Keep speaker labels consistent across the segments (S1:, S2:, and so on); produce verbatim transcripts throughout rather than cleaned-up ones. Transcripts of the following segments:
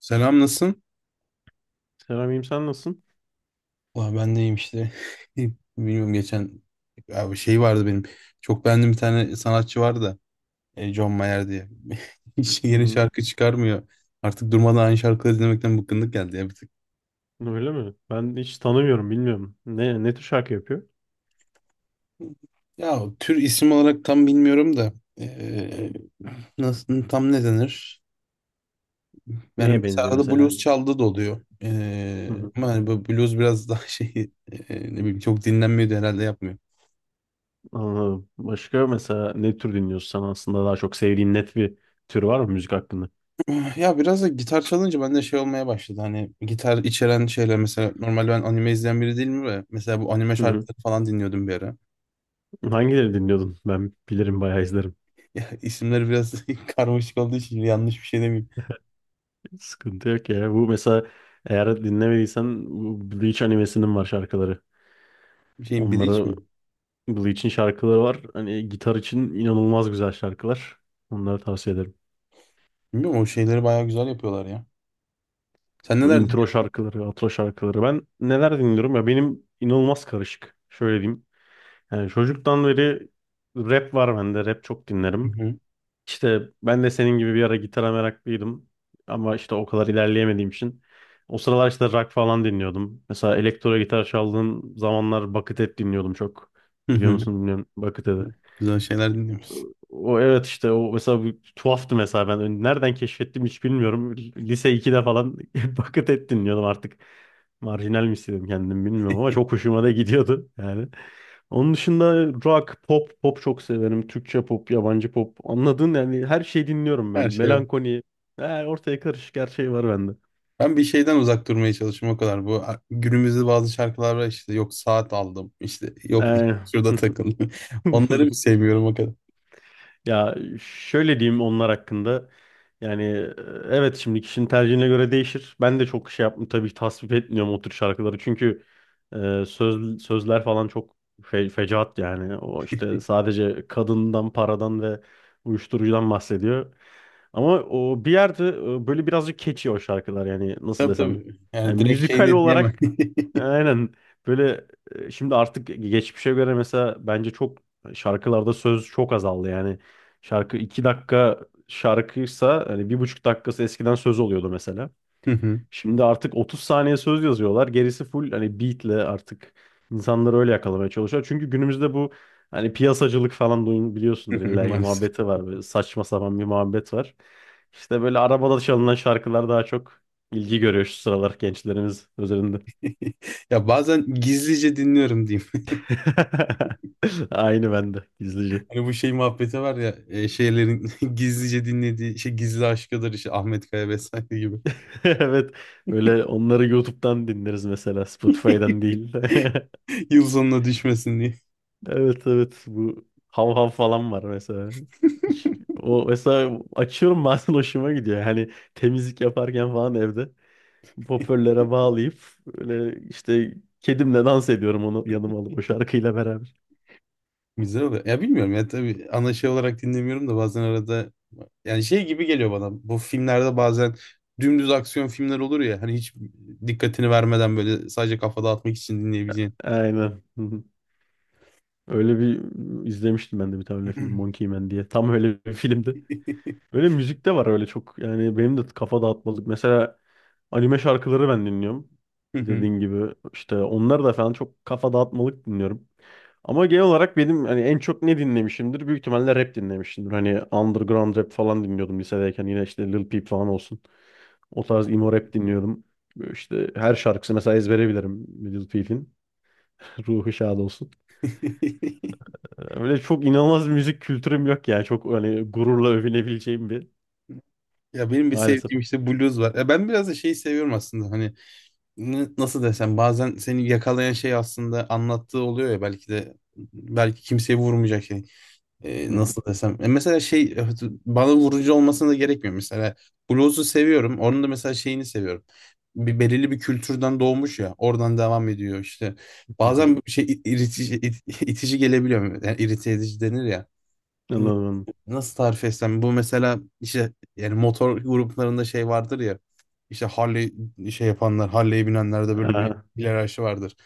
S1: Selam, nasılsın?
S2: Selamim sen nasılsın?
S1: Valla ben de iyiyim işte. Bilmiyorum, geçen abi şey vardı benim. Çok beğendiğim bir tane sanatçı vardı da, e, John Mayer diye. Hiç
S2: Hı
S1: yeni
S2: hı.
S1: şarkı çıkarmıyor. Artık durmadan aynı şarkıları dinlemekten bıkkınlık geldi ya bir tık.
S2: Öyle mi? Ben hiç tanımıyorum, bilmiyorum. Ne ne tür şarkı yapıyor?
S1: Ya tür isim olarak tam bilmiyorum da. e, Nasıl tam ne denir? Yani
S2: Neye
S1: mesela
S2: benziyor
S1: arada
S2: mesela?
S1: blues çaldığı da oluyor.
S2: Hı
S1: E,
S2: hı.
S1: ama hani bu blues biraz daha şey e, ne bileyim çok dinlenmiyordu herhalde.
S2: Anladım. Başka mesela ne tür dinliyorsun sen aslında daha çok sevdiğin net bir tür var mı müzik hakkında?
S1: Ya biraz da gitar çalınca bende şey olmaya başladı. Hani gitar içeren şeyler, mesela normal ben anime izleyen biri değilim ve mesela bu anime
S2: Hı hı.
S1: şarkıları falan dinliyordum bir ara.
S2: Hangileri dinliyordun? Ben bilirim bayağı izlerim.
S1: Ya isimleri biraz karmaşık olduğu için yanlış bir şey demeyeyim.
S2: Sıkıntı yok ya. Bu mesela eğer dinlemediysen bu Bleach animesinin var şarkıları.
S1: Bir şeyin Bleach
S2: Onlara
S1: mi?
S2: Bleach'in şarkıları var. Hani gitar için inanılmaz güzel şarkılar. Onları tavsiye ederim.
S1: Bilmiyorum, o şeyleri bayağı güzel yapıyorlar ya. Sen
S2: Bu
S1: neler
S2: intro şarkıları, outro şarkıları. Ben neler dinliyorum ya benim inanılmaz karışık. Şöyle diyeyim. Yani çocuktan beri rap var bende. Rap çok dinlerim.
S1: dinliyorsun?
S2: İşte ben de senin gibi bir ara gitara meraklıydım. Ama işte o kadar ilerleyemediğim için. O sıralar işte rock falan dinliyordum. Mesela elektro gitar çaldığım zamanlar Buckethead dinliyordum çok.
S1: Hı hı.
S2: Biliyor
S1: Hı
S2: musun bilmiyorum. Buckethead.
S1: hı. Güzel şeyler dinliyorsun.
S2: O evet işte o mesela bu tuhaftı mesela ben nereden keşfettim hiç bilmiyorum. Lise ikide falan Buckethead et dinliyordum artık. Marjinal mi istedim kendim bilmiyorum ama çok hoşuma da gidiyordu yani. Onun dışında rock, pop, pop çok severim. Türkçe pop, yabancı pop. Anladın yani her şeyi dinliyorum ben.
S1: Her şey var.
S2: Melankoli. Yani ortaya karışık her şey var bende.
S1: Ben bir şeyden uzak durmaya çalışıyorum o kadar. Bu a- günümüzde bazı şarkılar var, işte yok saat aldım, işte yok
S2: Ee,
S1: şurada takıldım. Onları sevmiyorum o kadar.
S2: Ya şöyle diyeyim onlar hakkında. Yani e, evet şimdi kişinin tercihine göre değişir. Ben de çok şey yapmıyorum tabii ki tasvip etmiyorum o tür şarkıları. Çünkü e, söz, sözler falan çok fe, fecaat yani. O işte sadece kadından, paradan ve uyuşturucudan bahsediyor. Ama o bir yerde e, böyle birazcık keçi o şarkılar yani nasıl
S1: Tabii
S2: desem.
S1: tabii.
S2: Yani
S1: Yani direkt şey
S2: müzikal
S1: de diyemem.
S2: olarak e, aynen böyle e, şimdi artık geçmişe göre mesela bence çok şarkılarda söz çok azaldı yani. Şarkı iki dakika şarkıysa hani bir buçuk dakikası eskiden söz oluyordu mesela.
S1: Hı hı.
S2: Şimdi artık otuz saniye söz yazıyorlar. Gerisi full hani beatle artık insanları öyle yakalamaya çalışıyor. Çünkü günümüzde bu hani piyasacılık falan duyun biliyorsundur illa ki
S1: Maalesef.
S2: muhabbeti var. Böyle saçma sapan bir muhabbet var. İşte böyle arabada çalınan şarkılar daha çok ilgi görüyor şu sıralar gençlerimiz üzerinde.
S1: Ya bazen gizlice dinliyorum diyeyim.
S2: Aynı bende gizlice.
S1: Hani bu şey muhabbeti var ya e, şeylerin gizlice dinlediği şey gizli aşkıdır, işte Ahmet Kaya vesaire gibi.
S2: Evet. Böyle onları YouTube'dan dinleriz mesela Spotify'dan değil.
S1: Yıl sonuna düşmesin diye.
S2: Evet, evet, bu hav hav falan var mesela. Hiç- O mesela açıyorum bazen hoşuma gidiyor. Hani temizlik yaparken falan evde hoparlöre bağlayıp öyle işte kedimle dans ediyorum onu yanıma alıp o şarkıyla beraber.
S1: Güzel oluyor. Ya bilmiyorum ya, tabii ana şey olarak dinlemiyorum da bazen arada yani şey gibi geliyor bana. Bu filmlerde bazen dümdüz aksiyon filmler olur ya hani, hiç dikkatini vermeden böyle sadece kafa dağıtmak için dinleyebileceğin.
S2: Aynen. Hı hı. Öyle bir izlemiştim ben de bir tane öyle film Monkey Man diye. Tam öyle bir filmdi. Öyle müzik de var öyle çok. Yani benim de kafa dağıtmalık. Mesela anime şarkıları ben dinliyorum.
S1: Hı hı.
S2: Dediğin gibi işte onlar da falan çok kafa dağıtmalık dinliyorum. Ama genel olarak benim hani en çok ne dinlemişimdir? Büyük ihtimalle rap dinlemişimdir. Hani underground rap falan dinliyordum lisedeyken. Yine işte Lil Peep falan olsun. O tarz emo rap dinliyordum. Böyle İşte her şarkısı mesela ezbere bilirim Lil Peep'in. Ruhu şad olsun. Öyle çok inanılmaz bir müzik kültürüm yok yani. Çok hani gururla övünebileceğim bir
S1: Ya benim bir
S2: maalesef.
S1: sevdiğim işte blues var. Ya ben biraz da şeyi seviyorum aslında hani, n- nasıl desem, bazen seni yakalayan şey aslında anlattığı oluyor ya, belki de belki kimseye vurmayacak şey. Ee, nasıl desem. E mesela şey evet, bana vurucu olmasına da gerekmiyor. Mesela blues'u seviyorum. Onun da mesela şeyini seviyorum. Bir belirli bir kültürden doğmuş ya, oradan devam ediyor işte. Bazen bir şey it- itici, it- itici gelebiliyor. Yani irite edici denir ya.
S2: Anladım.
S1: Nasıl tarif etsem, bu mesela işte yani motor gruplarında şey vardır ya, işte Harley şey yapanlar, Harley'e binenlerde böyle bir
S2: Aha,
S1: hiyerarşi vardır.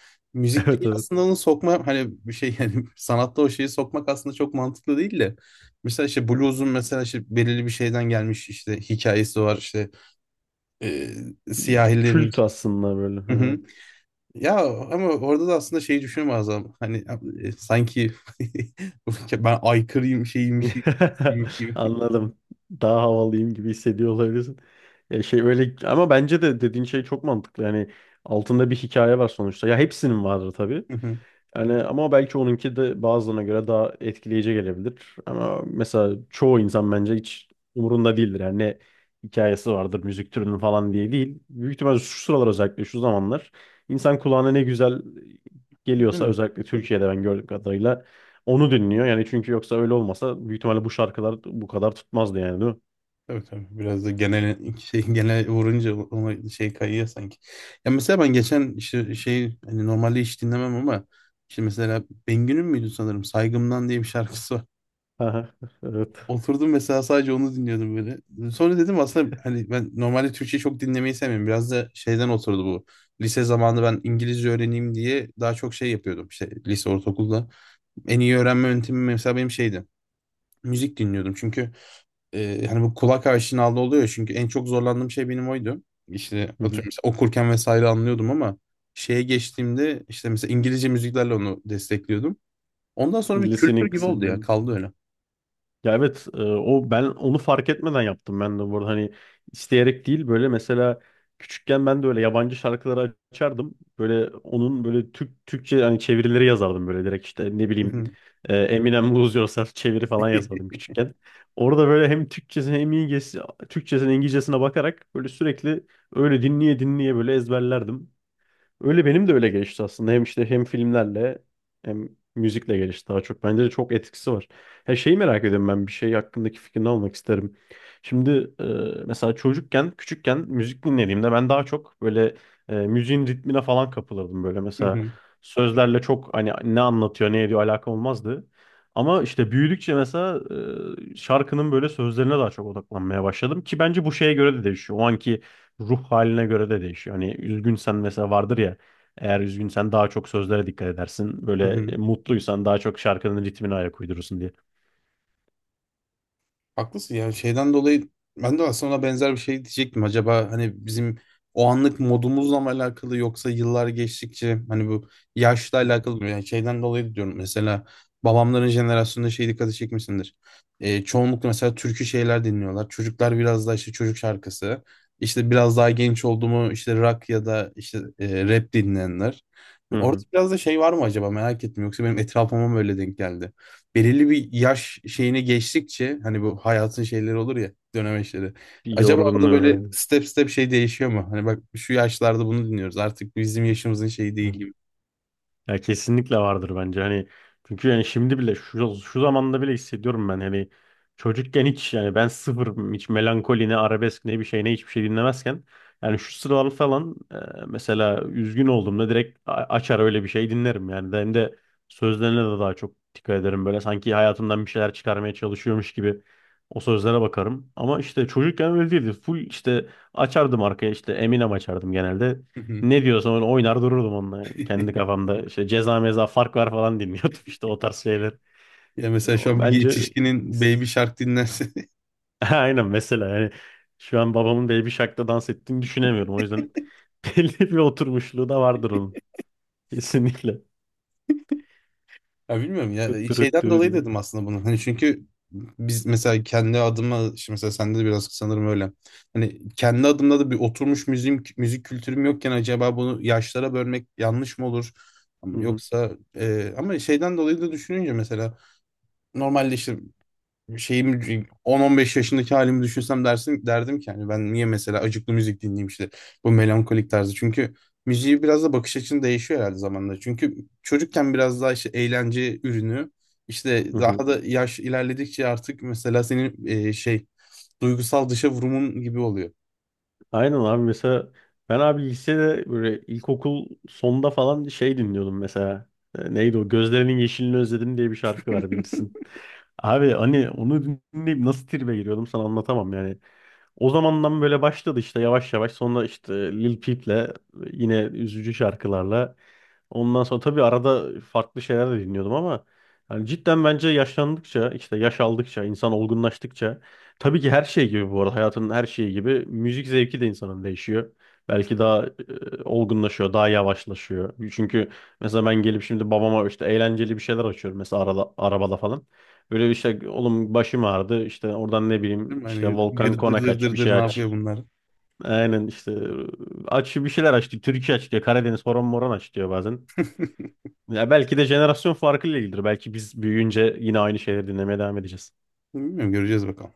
S1: Müzik
S2: evet, evet.
S1: dünyasında onu sokma hani bir şey yani sanatta o şeyi sokmak aslında çok mantıklı değil de, mesela işte blues'un mesela işte belirli bir şeyden gelmiş, işte hikayesi var, işte e, siyahilerin.
S2: Kült aslında böyle.
S1: Hı hı.
S2: Aha.
S1: Ya ama orada da aslında şeyi düşünüyorum Azam. Hani e, sanki ben aykırıyım şeyiymiş gibi. Şeymiş gibi.
S2: Anladım. Daha havalıyım gibi hissediyor olabilirsin. Ya şey öyle ama bence de dediğin şey çok mantıklı. Yani altında bir hikaye var sonuçta. Ya hepsinin vardır tabii.
S1: Hı hı.
S2: Yani ama belki onunki de bazılarına göre daha etkileyici gelebilir. Ama mesela çoğu insan bence hiç umurunda değildir. Yani ne hikayesi vardır müzik türünün falan diye değil. Büyük ihtimalle şu sıralar özellikle şu zamanlar insan kulağına ne güzel geliyorsa
S1: Aynen.
S2: özellikle Türkiye'de ben gördüğüm kadarıyla onu dinliyor. Yani çünkü yoksa öyle olmasa büyük ihtimalle bu şarkılar bu kadar tutmazdı yani değil mi?
S1: Tabii tabii. Biraz da genel şey, genel vurunca ona şey kayıyor sanki. Ya mesela ben geçen işte şey, hani normalde hiç dinlemem ama, işte mesela Bengü'nün müydü sanırım, Saygımdan diye bir şarkısı var.
S2: Aha, evet.
S1: Oturdum mesela, sadece onu dinliyordum böyle. Sonra dedim aslında hani ben normalde Türkçe çok dinlemeyi sevmiyorum. Biraz da şeyden oturdu bu. Lise zamanında ben İngilizce öğreneyim diye daha çok şey yapıyordum. İşte lise, ortaokulda. En iyi öğrenme yöntemim mesela benim şeydi. Müzik dinliyordum. Çünkü e, hani bu kulak aşinalığı oluyor, çünkü en çok zorlandığım şey benim oydu. İşte
S2: Hı
S1: atıyorum
S2: hı.
S1: mesela okurken vesaire anlıyordum ama şeye geçtiğimde, işte mesela İngilizce müziklerle onu destekliyordum. Ondan sonra bir kültür
S2: Listening
S1: gibi oldu ya,
S2: kısmındayım.
S1: kaldı
S2: Ya evet e, o ben onu fark etmeden yaptım ben de burada hani isteyerek değil böyle mesela küçükken ben de öyle yabancı şarkıları açardım. Böyle onun böyle Türk Türkçe hani çevirileri yazardım böyle direkt işte ne bileyim e, Eminem Lose Yourself çeviri falan yazardım küçükken. Orada böyle hem Türkçesine hem İngilizcesi, Türkçesine İngilizcesine bakarak böyle sürekli öyle dinleye dinleye böyle ezberlerdim. Öyle benim de öyle gelişti aslında. Hem işte hem filmlerle hem müzikle gelişti daha çok. Bence de çok etkisi var. Her şeyi merak ediyorum ben bir şey hakkındaki fikrini almak isterim. Şimdi e, mesela çocukken, küçükken müzik dinlediğimde ben daha çok böyle e, müziğin ritmine falan kapılırdım. Böyle mesela
S1: öyle.
S2: sözlerle çok hani ne anlatıyor, ne ediyor alakam olmazdı. Ama işte büyüdükçe mesela e, şarkının böyle sözlerine daha çok odaklanmaya başladım ki bence bu şeye göre de değişiyor. O anki ruh haline göre de değişiyor. Hani üzgünsen mesela vardır ya eğer üzgünsen daha çok sözlere dikkat edersin. Böyle e, mutluysan daha çok şarkının ritmine ayak uydurursun diye.
S1: Haklısın ya, şeyden dolayı ben de aslında ona benzer bir şey diyecektim. Acaba hani bizim o anlık modumuzla mı alakalı, yoksa yıllar geçtikçe hani bu yaşla alakalı mı? Yani şeyden dolayı diyorum, mesela babamların jenerasyonunda şey dikkati çekmişsindir. Ee, çoğunlukla mesela türkü şeyler dinliyorlar. Çocuklar biraz daha işte çocuk şarkısı. İşte biraz daha genç oldu mu, işte rock ya da işte e, rap dinleyenler.
S2: Hı
S1: Orada
S2: hı.
S1: biraz da şey var mı acaba, merak ettim, yoksa benim etrafıma mı öyle denk geldi? Belirli bir yaş şeyine geçtikçe hani bu hayatın şeyleri olur ya, dönemeçleri.
S2: Bir
S1: Acaba orada
S2: yorgunluğu
S1: böyle
S2: aynen.
S1: step step şey değişiyor mu? Hani bak şu yaşlarda bunu dinliyoruz, artık bizim yaşımızın şeyi değil gibi.
S2: Ya kesinlikle vardır bence hani çünkü yani şimdi bile şu, şu zamanda bile hissediyorum ben hani çocukken hiç yani ben sıfır hiç melankoli ne arabesk ne bir şey ne hiçbir şey dinlemezken yani şu sıralar falan e, mesela üzgün olduğumda direkt a- açar öyle bir şey dinlerim yani hem de sözlerine de daha çok dikkat ederim böyle sanki hayatımdan bir şeyler çıkarmaya çalışıyormuş gibi o sözlere bakarım ama işte çocukken öyle değildi full işte açardım arkaya işte Eminem açardım genelde ne diyorsa onu oynar dururdum onunla kendi kafamda. İşte ceza meza fark var falan dinliyordum işte o tarz şeyler.
S1: Ya mesela şu
S2: O
S1: an bir
S2: bence
S1: yetişkinin Baby Shark dinlerse.
S2: aynen mesela yani şu an babamın Baby Shark'ta dans ettiğini düşünemiyorum. O yüzden belli bir oturmuşluğu da vardır onun. Kesinlikle.
S1: Ya bilmiyorum ya,
S2: Tut
S1: e,
S2: tut
S1: şeyden
S2: tut
S1: dolayı
S2: diye.
S1: dedim aslında bunu. Hani çünkü biz mesela kendi adıma, şimdi mesela sende de biraz sanırım öyle. Hani kendi adımda da bir oturmuş müzik, müzik kültürüm yokken acaba bunu yaşlara bölmek yanlış mı olur?
S2: Hı hı.
S1: Yoksa e, ama şeyden dolayı da düşününce, mesela normalde işte şeyim on on beş yaşındaki halimi düşünsem dersin, derdim ki hani ben niye mesela acıklı müzik dinleyeyim, işte bu melankolik tarzı. Çünkü müziği biraz da bakış açın değişiyor herhalde zamanla. Çünkü çocukken biraz daha işte eğlence ürünü,
S2: Hı
S1: işte
S2: hı.
S1: daha da yaş ilerledikçe artık mesela senin e, şey duygusal dışa vurumun gibi oluyor.
S2: Aynen abi mesela ben abi lisede böyle ilkokul sonda falan şey dinliyordum mesela. E, Neydi o? Gözlerinin Yeşilini Özledim diye bir şarkı var bilirsin. Abi hani onu dinleyip nasıl tribe giriyordum sana anlatamam yani. O zamandan böyle başladı işte yavaş yavaş sonra işte Lil Peep'le yine üzücü şarkılarla. Ondan sonra tabii arada farklı şeyler de dinliyordum ama yani cidden bence yaşlandıkça işte yaş aldıkça insan olgunlaştıkça tabii ki her şey gibi bu arada hayatın her şeyi gibi müzik zevki de insanın değişiyor. Belki daha e, olgunlaşıyor, daha yavaşlaşıyor. Çünkü mesela ben gelip şimdi babama işte eğlenceli bir şeyler açıyorum mesela arada, arabada falan. Böyle bir şey oğlum başım ağrıdı işte oradan ne bileyim
S1: Değil mi?
S2: işte
S1: Hani
S2: Volkan
S1: gır dır
S2: Konak
S1: dır
S2: aç bir
S1: dır dır
S2: şey
S1: ne
S2: aç.
S1: yapıyor bunlar?
S2: Aynen işte aç bir şeyler aç diyor. Türkiye aç diyor. Karadeniz horon moron aç diyor bazen. Ya belki de jenerasyon farkıyla ilgilidir. Belki biz büyüyünce yine aynı şeyleri dinlemeye devam edeceğiz.
S1: Bilmiyorum, göreceğiz bakalım.